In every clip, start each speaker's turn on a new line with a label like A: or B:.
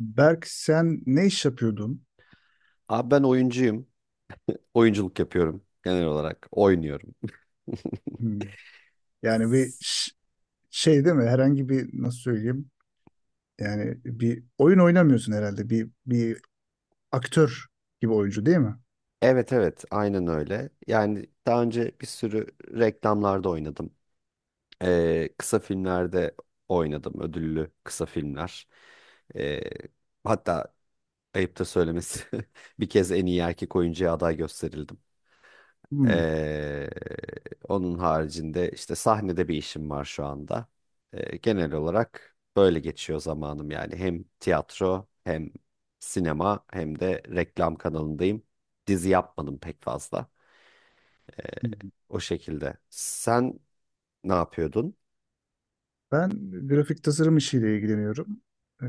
A: Berk, sen ne iş yapıyordun?
B: Abi ben oyuncuyum. Oyunculuk yapıyorum genel olarak. Oynuyorum.
A: Hmm. Yani şey değil mi? Herhangi bir, nasıl söyleyeyim? Yani bir oyun oynamıyorsun herhalde. Bir aktör gibi oyuncu değil mi?
B: Evet, evet, aynen öyle. Yani daha önce bir sürü reklamlarda oynadım. Kısa filmlerde oynadım. Ödüllü kısa filmler. Ee, Hatta ayıp da söylemesi bir kez en iyi erkek oyuncuya aday gösterildim.
A: Hmm.
B: Ee, Onun haricinde işte sahnede bir işim var şu anda. Genel olarak böyle geçiyor zamanım yani. Hem tiyatro hem sinema hem de reklam kanalındayım. Dizi yapmadım pek fazla.
A: Hmm.
B: O şekilde. Sen ne yapıyordun?
A: Ben grafik tasarım işiyle ilgileniyorum. Ee,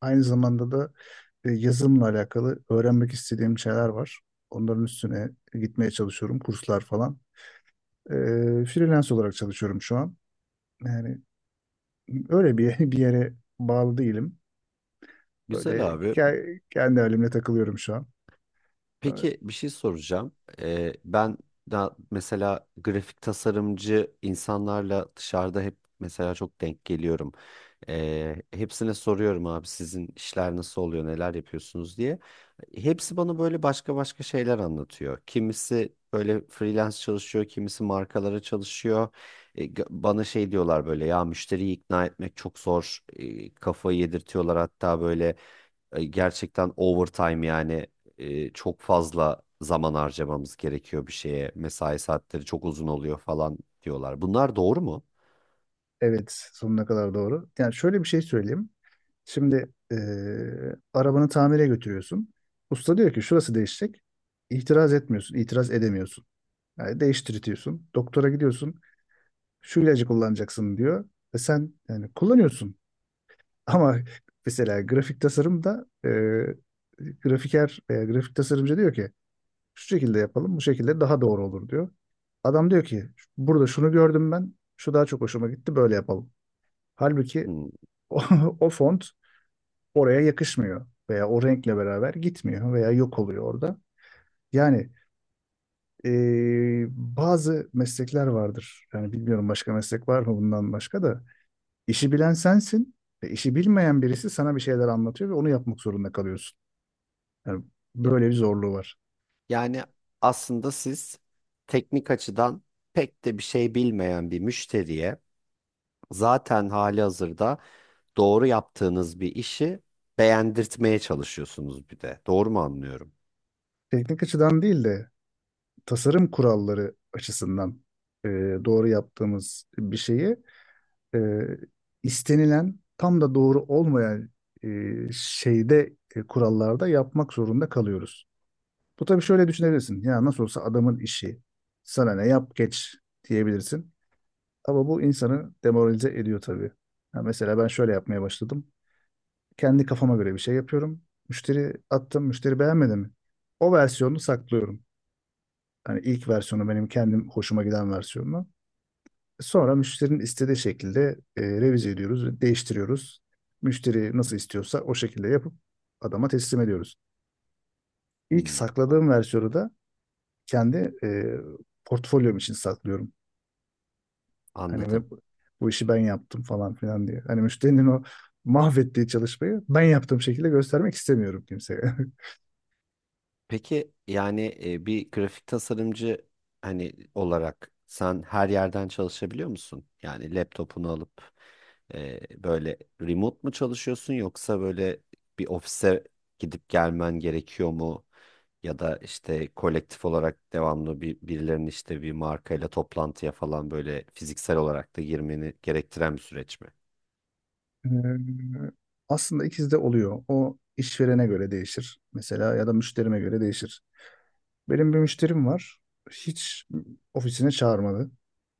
A: Aynı zamanda da yazılımla alakalı öğrenmek istediğim şeyler var. Onların üstüne gitmeye çalışıyorum. Kurslar falan. Freelance olarak çalışıyorum şu an. Yani öyle bir bir yere bağlı değilim.
B: Güzel
A: Böyle
B: abi.
A: kendi halimle takılıyorum şu an. Ee,
B: Peki bir şey soracağım. Ben da mesela grafik tasarımcı insanlarla dışarıda hep mesela çok denk geliyorum. Hepsine soruyorum abi sizin işler nasıl oluyor, neler yapıyorsunuz diye. Hepsi bana böyle başka başka şeyler anlatıyor. Kimisi böyle freelance çalışıyor, kimisi markalara çalışıyor. Bana şey diyorlar böyle ya müşteriyi ikna etmek çok zor. Kafayı yedirtiyorlar hatta böyle gerçekten overtime yani çok fazla zaman harcamamız gerekiyor bir şeye. Mesai saatleri çok uzun oluyor falan diyorlar. Bunlar doğru mu?
A: Evet, sonuna kadar doğru. Yani şöyle bir şey söyleyeyim. Şimdi arabanı tamire götürüyorsun. Usta diyor ki şurası değişecek. İtiraz etmiyorsun, itiraz edemiyorsun. Yani değiştirtiyorsun. Doktora gidiyorsun. Şu ilacı kullanacaksın diyor. Ve sen yani kullanıyorsun. Ama mesela grafik tasarımda grafiker veya grafik tasarımcı diyor ki şu şekilde yapalım, bu şekilde daha doğru olur diyor. Adam diyor ki burada şunu gördüm ben, şu daha çok hoşuma gitti, böyle yapalım. Halbuki
B: Hmm.
A: o, o font oraya yakışmıyor veya o renkle beraber gitmiyor veya yok oluyor orada. Yani bazı meslekler vardır. Yani bilmiyorum başka meslek var mı bundan başka da. İşi bilen sensin ve işi bilmeyen birisi sana bir şeyler anlatıyor ve onu yapmak zorunda kalıyorsun. Yani
B: Ya-
A: böyle bir zorluğu var.
B: Yani aslında siz teknik açıdan pek de bir şey bilmeyen bir müşteriye zaten hali hazırda doğru yaptığınız bir işi beğendirtmeye çalışıyorsunuz bir de. Doğru mu anlıyorum?
A: Teknik açıdan değil de tasarım kuralları açısından e, doğru yaptığımız bir şeyi, e, istenilen tam da doğru olmayan e, şeyde, kurallarda yapmak zorunda kalıyoruz. Bu tabii şöyle düşünebilirsin. Ya nasıl olsa adamın işi. Sana ne, yap geç diyebilirsin. Ama bu insanı demoralize ediyor tabii. Ya mesela ben şöyle yapmaya başladım. Kendi kafama göre bir şey yapıyorum. Müşteri attım, müşteri beğenmedi mi? O versiyonunu saklıyorum. Hani ilk versiyonu, benim kendim hoşuma giden versiyonu. Sonra müşterinin istediği şekilde revize ediyoruz ve değiştiriyoruz. Müşteri nasıl istiyorsa o şekilde yapıp adama teslim ediyoruz. İlk
B: Hmm. a-
A: sakladığım versiyonu da kendi portfolyom için saklıyorum. Hani, ve
B: Anladım.
A: bu işi ben yaptım falan filan diye. Hani müşterinin o mahvettiği çalışmayı ben yaptığım şekilde göstermek istemiyorum kimseye.
B: Peki yani bir grafik tasarımcı hani olarak sen her yerden çalışabiliyor musun? Yani laptopunu alıp böyle remote mu çalışıyorsun yoksa böyle bir ofise gidip gelmen gerekiyor mu? Ya da işte kolektif olarak devamlı bir birilerinin işte bir markayla toplantıya falan böyle fiziksel olarak da girmeni gerektiren bir süreç mi?
A: Ee, Aslında ikisi de oluyor. O işverene göre değişir. Mesela ya da müşterime göre değişir. Benim bir müşterim var. Hiç ofisine çağırmadı.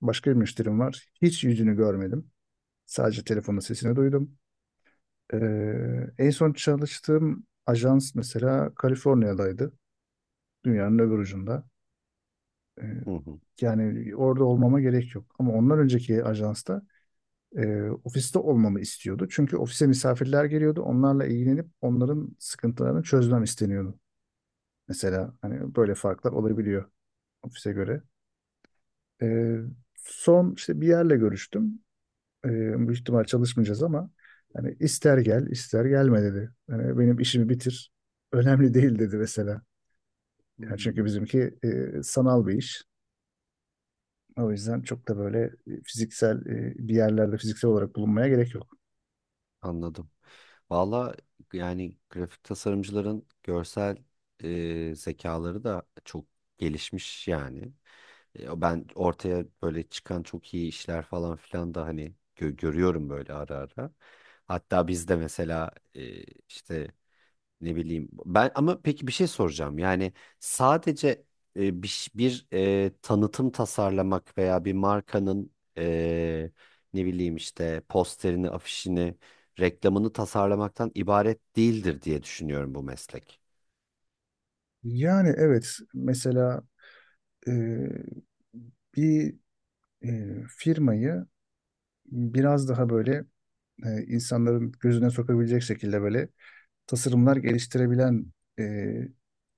A: Başka bir müşterim var. Hiç yüzünü görmedim. Sadece telefonun sesini duydum. En son çalıştığım ajans mesela Kaliforniya'daydı. Dünyanın öbür ucunda. E,
B: Hı hı.
A: Yani orada olmama gerek yok. Ama ondan önceki ajansta ofiste olmamı istiyordu. Çünkü ofise misafirler geliyordu. Onlarla ilgilenip onların sıkıntılarını çözmem isteniyordu. Mesela hani böyle farklar olabiliyor ofise göre. E, Son işte bir yerle görüştüm. E, Büyük ihtimal çalışmayacağız ama hani ister gel ister gelme dedi. Yani benim işimi bitir. Önemli değil dedi mesela. Yani çünkü
B: Hmm,
A: bizimki sanal bir iş. O yüzden çok da böyle fiziksel, bir yerlerde fiziksel olarak bulunmaya gerek yok.
B: Anladım. Valla yani grafik tasarımcıların görsel zekaları da çok gelişmiş yani. Ben ortaya böyle çıkan çok iyi işler falan filan da hani görüyorum böyle ara ara. Hatta biz de mesela işte ne bileyim. Ben ama peki bir şey soracağım. Yani sadece bir tanıtım tasarlamak veya bir markanın e, ne bileyim işte posterini, afişini, reklamını tasarlamaktan ibaret değildir diye düşünüyorum bu meslek.
A: Yani evet, mesela e, bir firmayı biraz daha böyle insanların gözüne sokabilecek şekilde böyle tasarımlar geliştirebilen e,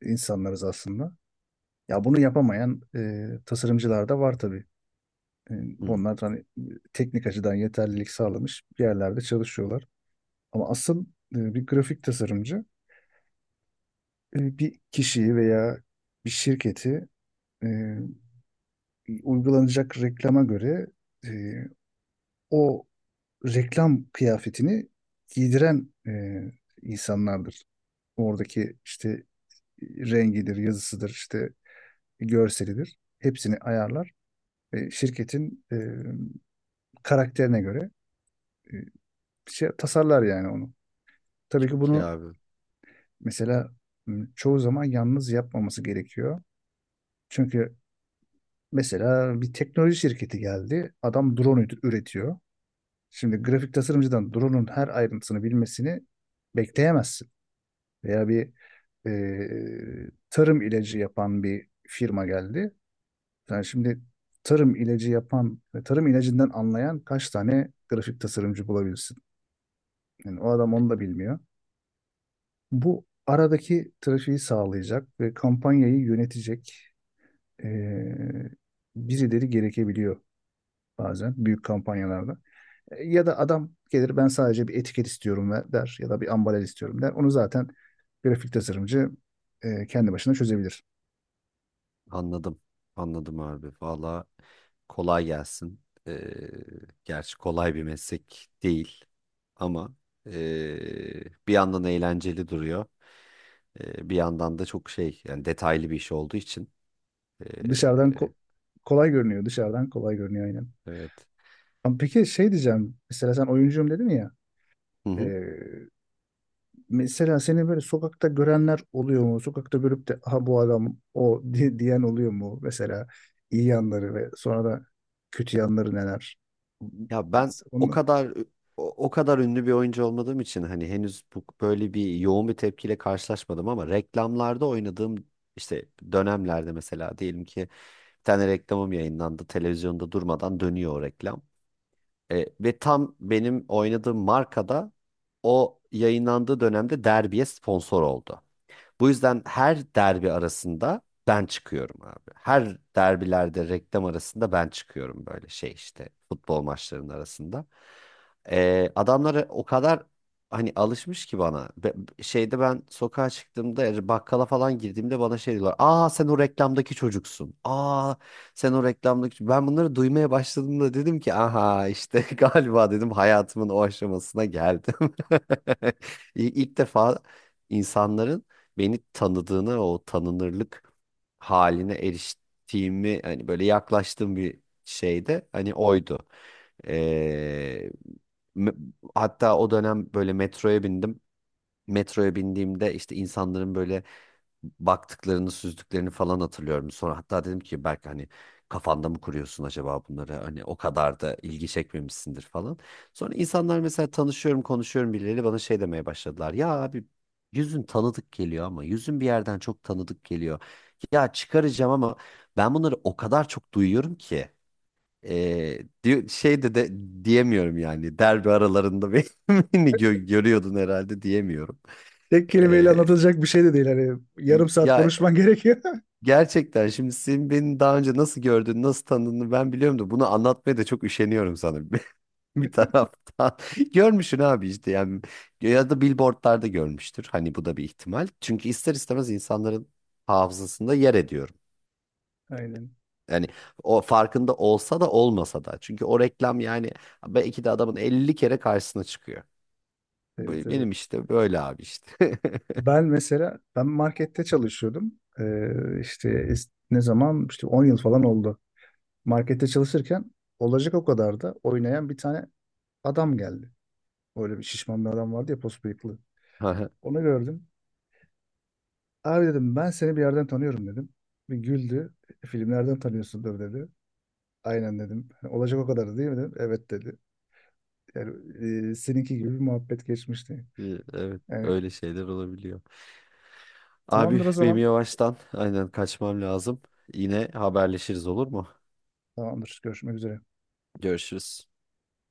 A: insanlarız aslında. Ya bunu yapamayan tasarımcılar da var tabii. E,
B: Hmm,
A: Bunlar hani teknik açıdan yeterlilik sağlamış bir yerlerde çalışıyorlar. Ama asıl bir grafik tasarımcı bir kişiyi veya bir şirketi e, uygulanacak reklama göre, e, o reklam kıyafetini giydiren insanlardır. Oradaki işte rengidir, yazısıdır, işte görselidir. Hepsini ayarlar ve şirketin karakterine göre e, şey tasarlar yani onu. Tabii ki
B: Çok iyi
A: bunu
B: abi.
A: mesela çoğu zaman yalnız yapmaması gerekiyor. Çünkü mesela bir teknoloji şirketi geldi. Adam drone üretiyor. Şimdi grafik tasarımcıdan drone'un her ayrıntısını bilmesini bekleyemezsin. Veya bir tarım ilacı yapan bir firma geldi. Yani şimdi tarım ilacı yapan ve tarım ilacından anlayan kaç tane grafik tasarımcı bulabilirsin? Yani o adam onu da bilmiyor. Bu aradaki trafiği sağlayacak ve kampanyayı yönetecek e, birileri gerekebiliyor bazen büyük kampanyalarda. Ya da adam gelir, ben sadece bir etiket istiyorum ve der ya da bir ambalaj istiyorum der. Onu zaten grafik tasarımcı kendi başına çözebilir.
B: Anladım. Anladım abi. Valla kolay gelsin. Ee, Gerçi kolay bir meslek değil ama bir yandan eğlenceli duruyor. Bir yandan da çok şey yani detaylı bir iş olduğu için. E,
A: Dışarıdan kolay görünüyor. Dışarıdan kolay görünüyor aynen.
B: evet.
A: Ama peki şey diyeceğim. Mesela sen oyuncuyum dedin ya.
B: Hı hı.
A: e, Mesela seni böyle sokakta görenler oluyor mu? Sokakta görüp de aha bu adam o diyen oluyor mu? Mesela iyi yanları ve sonra da kötü yanları neler?
B: Ya ben o
A: Onu,
B: kadar o, o kadar ünlü bir oyuncu olmadığım için hani henüz bu, böyle bir yoğun bir tepkiyle karşılaşmadım ama reklamlarda oynadığım işte dönemlerde mesela diyelim ki bir tane reklamım yayınlandı. Televizyonda durmadan dönüyor o reklam. Ve tam benim oynadığım markada o yayınlandığı dönemde Derbiye sponsor oldu. Bu yüzden her derbi arasında ben çıkıyorum abi. Her derbilerde reklam arasında ben çıkıyorum böyle şey işte futbol maçlarının arasında. Adamları o kadar hani alışmış ki bana. Şeyde ben sokağa çıktığımda yani bakkala falan girdiğimde bana şey diyorlar. "Aa, sen o reklamdaki çocuksun. Aa, sen o reklamdaki çocuk-" Ben bunları duymaya başladığımda dedim ki aha işte galiba dedim hayatımın o aşamasına geldim. İlk defa insanların beni tanıdığına o tanınırlık haline eriştiğimi hani böyle yaklaştığım bir şeyde hani oydu. Ee, me- Hatta o dönem böyle metroya bindim. Metroya bindiğimde işte insanların böyle baktıklarını süzdüklerini falan hatırlıyorum. Sonra hatta dedim ki belki hani kafanda mı kuruyorsun acaba bunları hani o kadar da ilgi çekmemişsindir falan. Sonra insanlar mesela tanışıyorum konuşuyorum birileriyle bana şey demeye başladılar. "Ya abi, yüzün tanıdık geliyor ama yüzün bir yerden çok tanıdık geliyor. Ya çıkaracağım ama ben bunları o kadar çok duyuyorum ki." E, Şey de diyemiyorum yani derbi aralarında beni görüyordun herhalde diyemiyorum.
A: tek kelimeyle
B: Ee,
A: anlatılacak bir şey de değil. Hani yarım saat
B: Ya,
A: konuşman gerekiyor.
B: gerçekten şimdi senin beni daha önce nasıl gördüğünü, nasıl tanıdığını ben biliyorum da bunu anlatmaya da çok üşeniyorum sanırım bir taraftan. Görmüşsün abi işte yani ya da billboardlarda görmüştür. Hani bu da bir ihtimal. Çünkü ister istemez insanların hafızasında yer ediyorum.
A: Aynen.
B: Yani o farkında olsa da olmasa da. Çünkü o reklam yani belki de adamın 50 kere karşısına çıkıyor. Bu
A: Evet, evet.
B: benim işte böyle abi işte.
A: Ben mesela ben markette çalışıyordum. İşte ne zaman işte 10 yıl falan oldu. Markette çalışırken Olacak O kadar da oynayan bir tane adam geldi. Öyle bir şişman bir adam vardı ya, pos bıyıklı. Onu gördüm. Abi dedim, ben seni bir yerden tanıyorum dedim. Bir güldü. Filmlerden tanıyorsundur" dedi. "Aynen" dedim. "Hani Olacak O Kadar değil mi?" dedim. "Evet" dedi. Yani seninki gibi bir muhabbet geçmişti.
B: Evet,
A: Yani
B: öyle şeyler olabiliyor. Abi
A: tamamdır o
B: benim
A: zaman.
B: yavaştan aynen kaçmam lazım. Yine haberleşiriz olur mu?
A: Tamamdır. Görüşmek üzere.
B: Görüşürüz.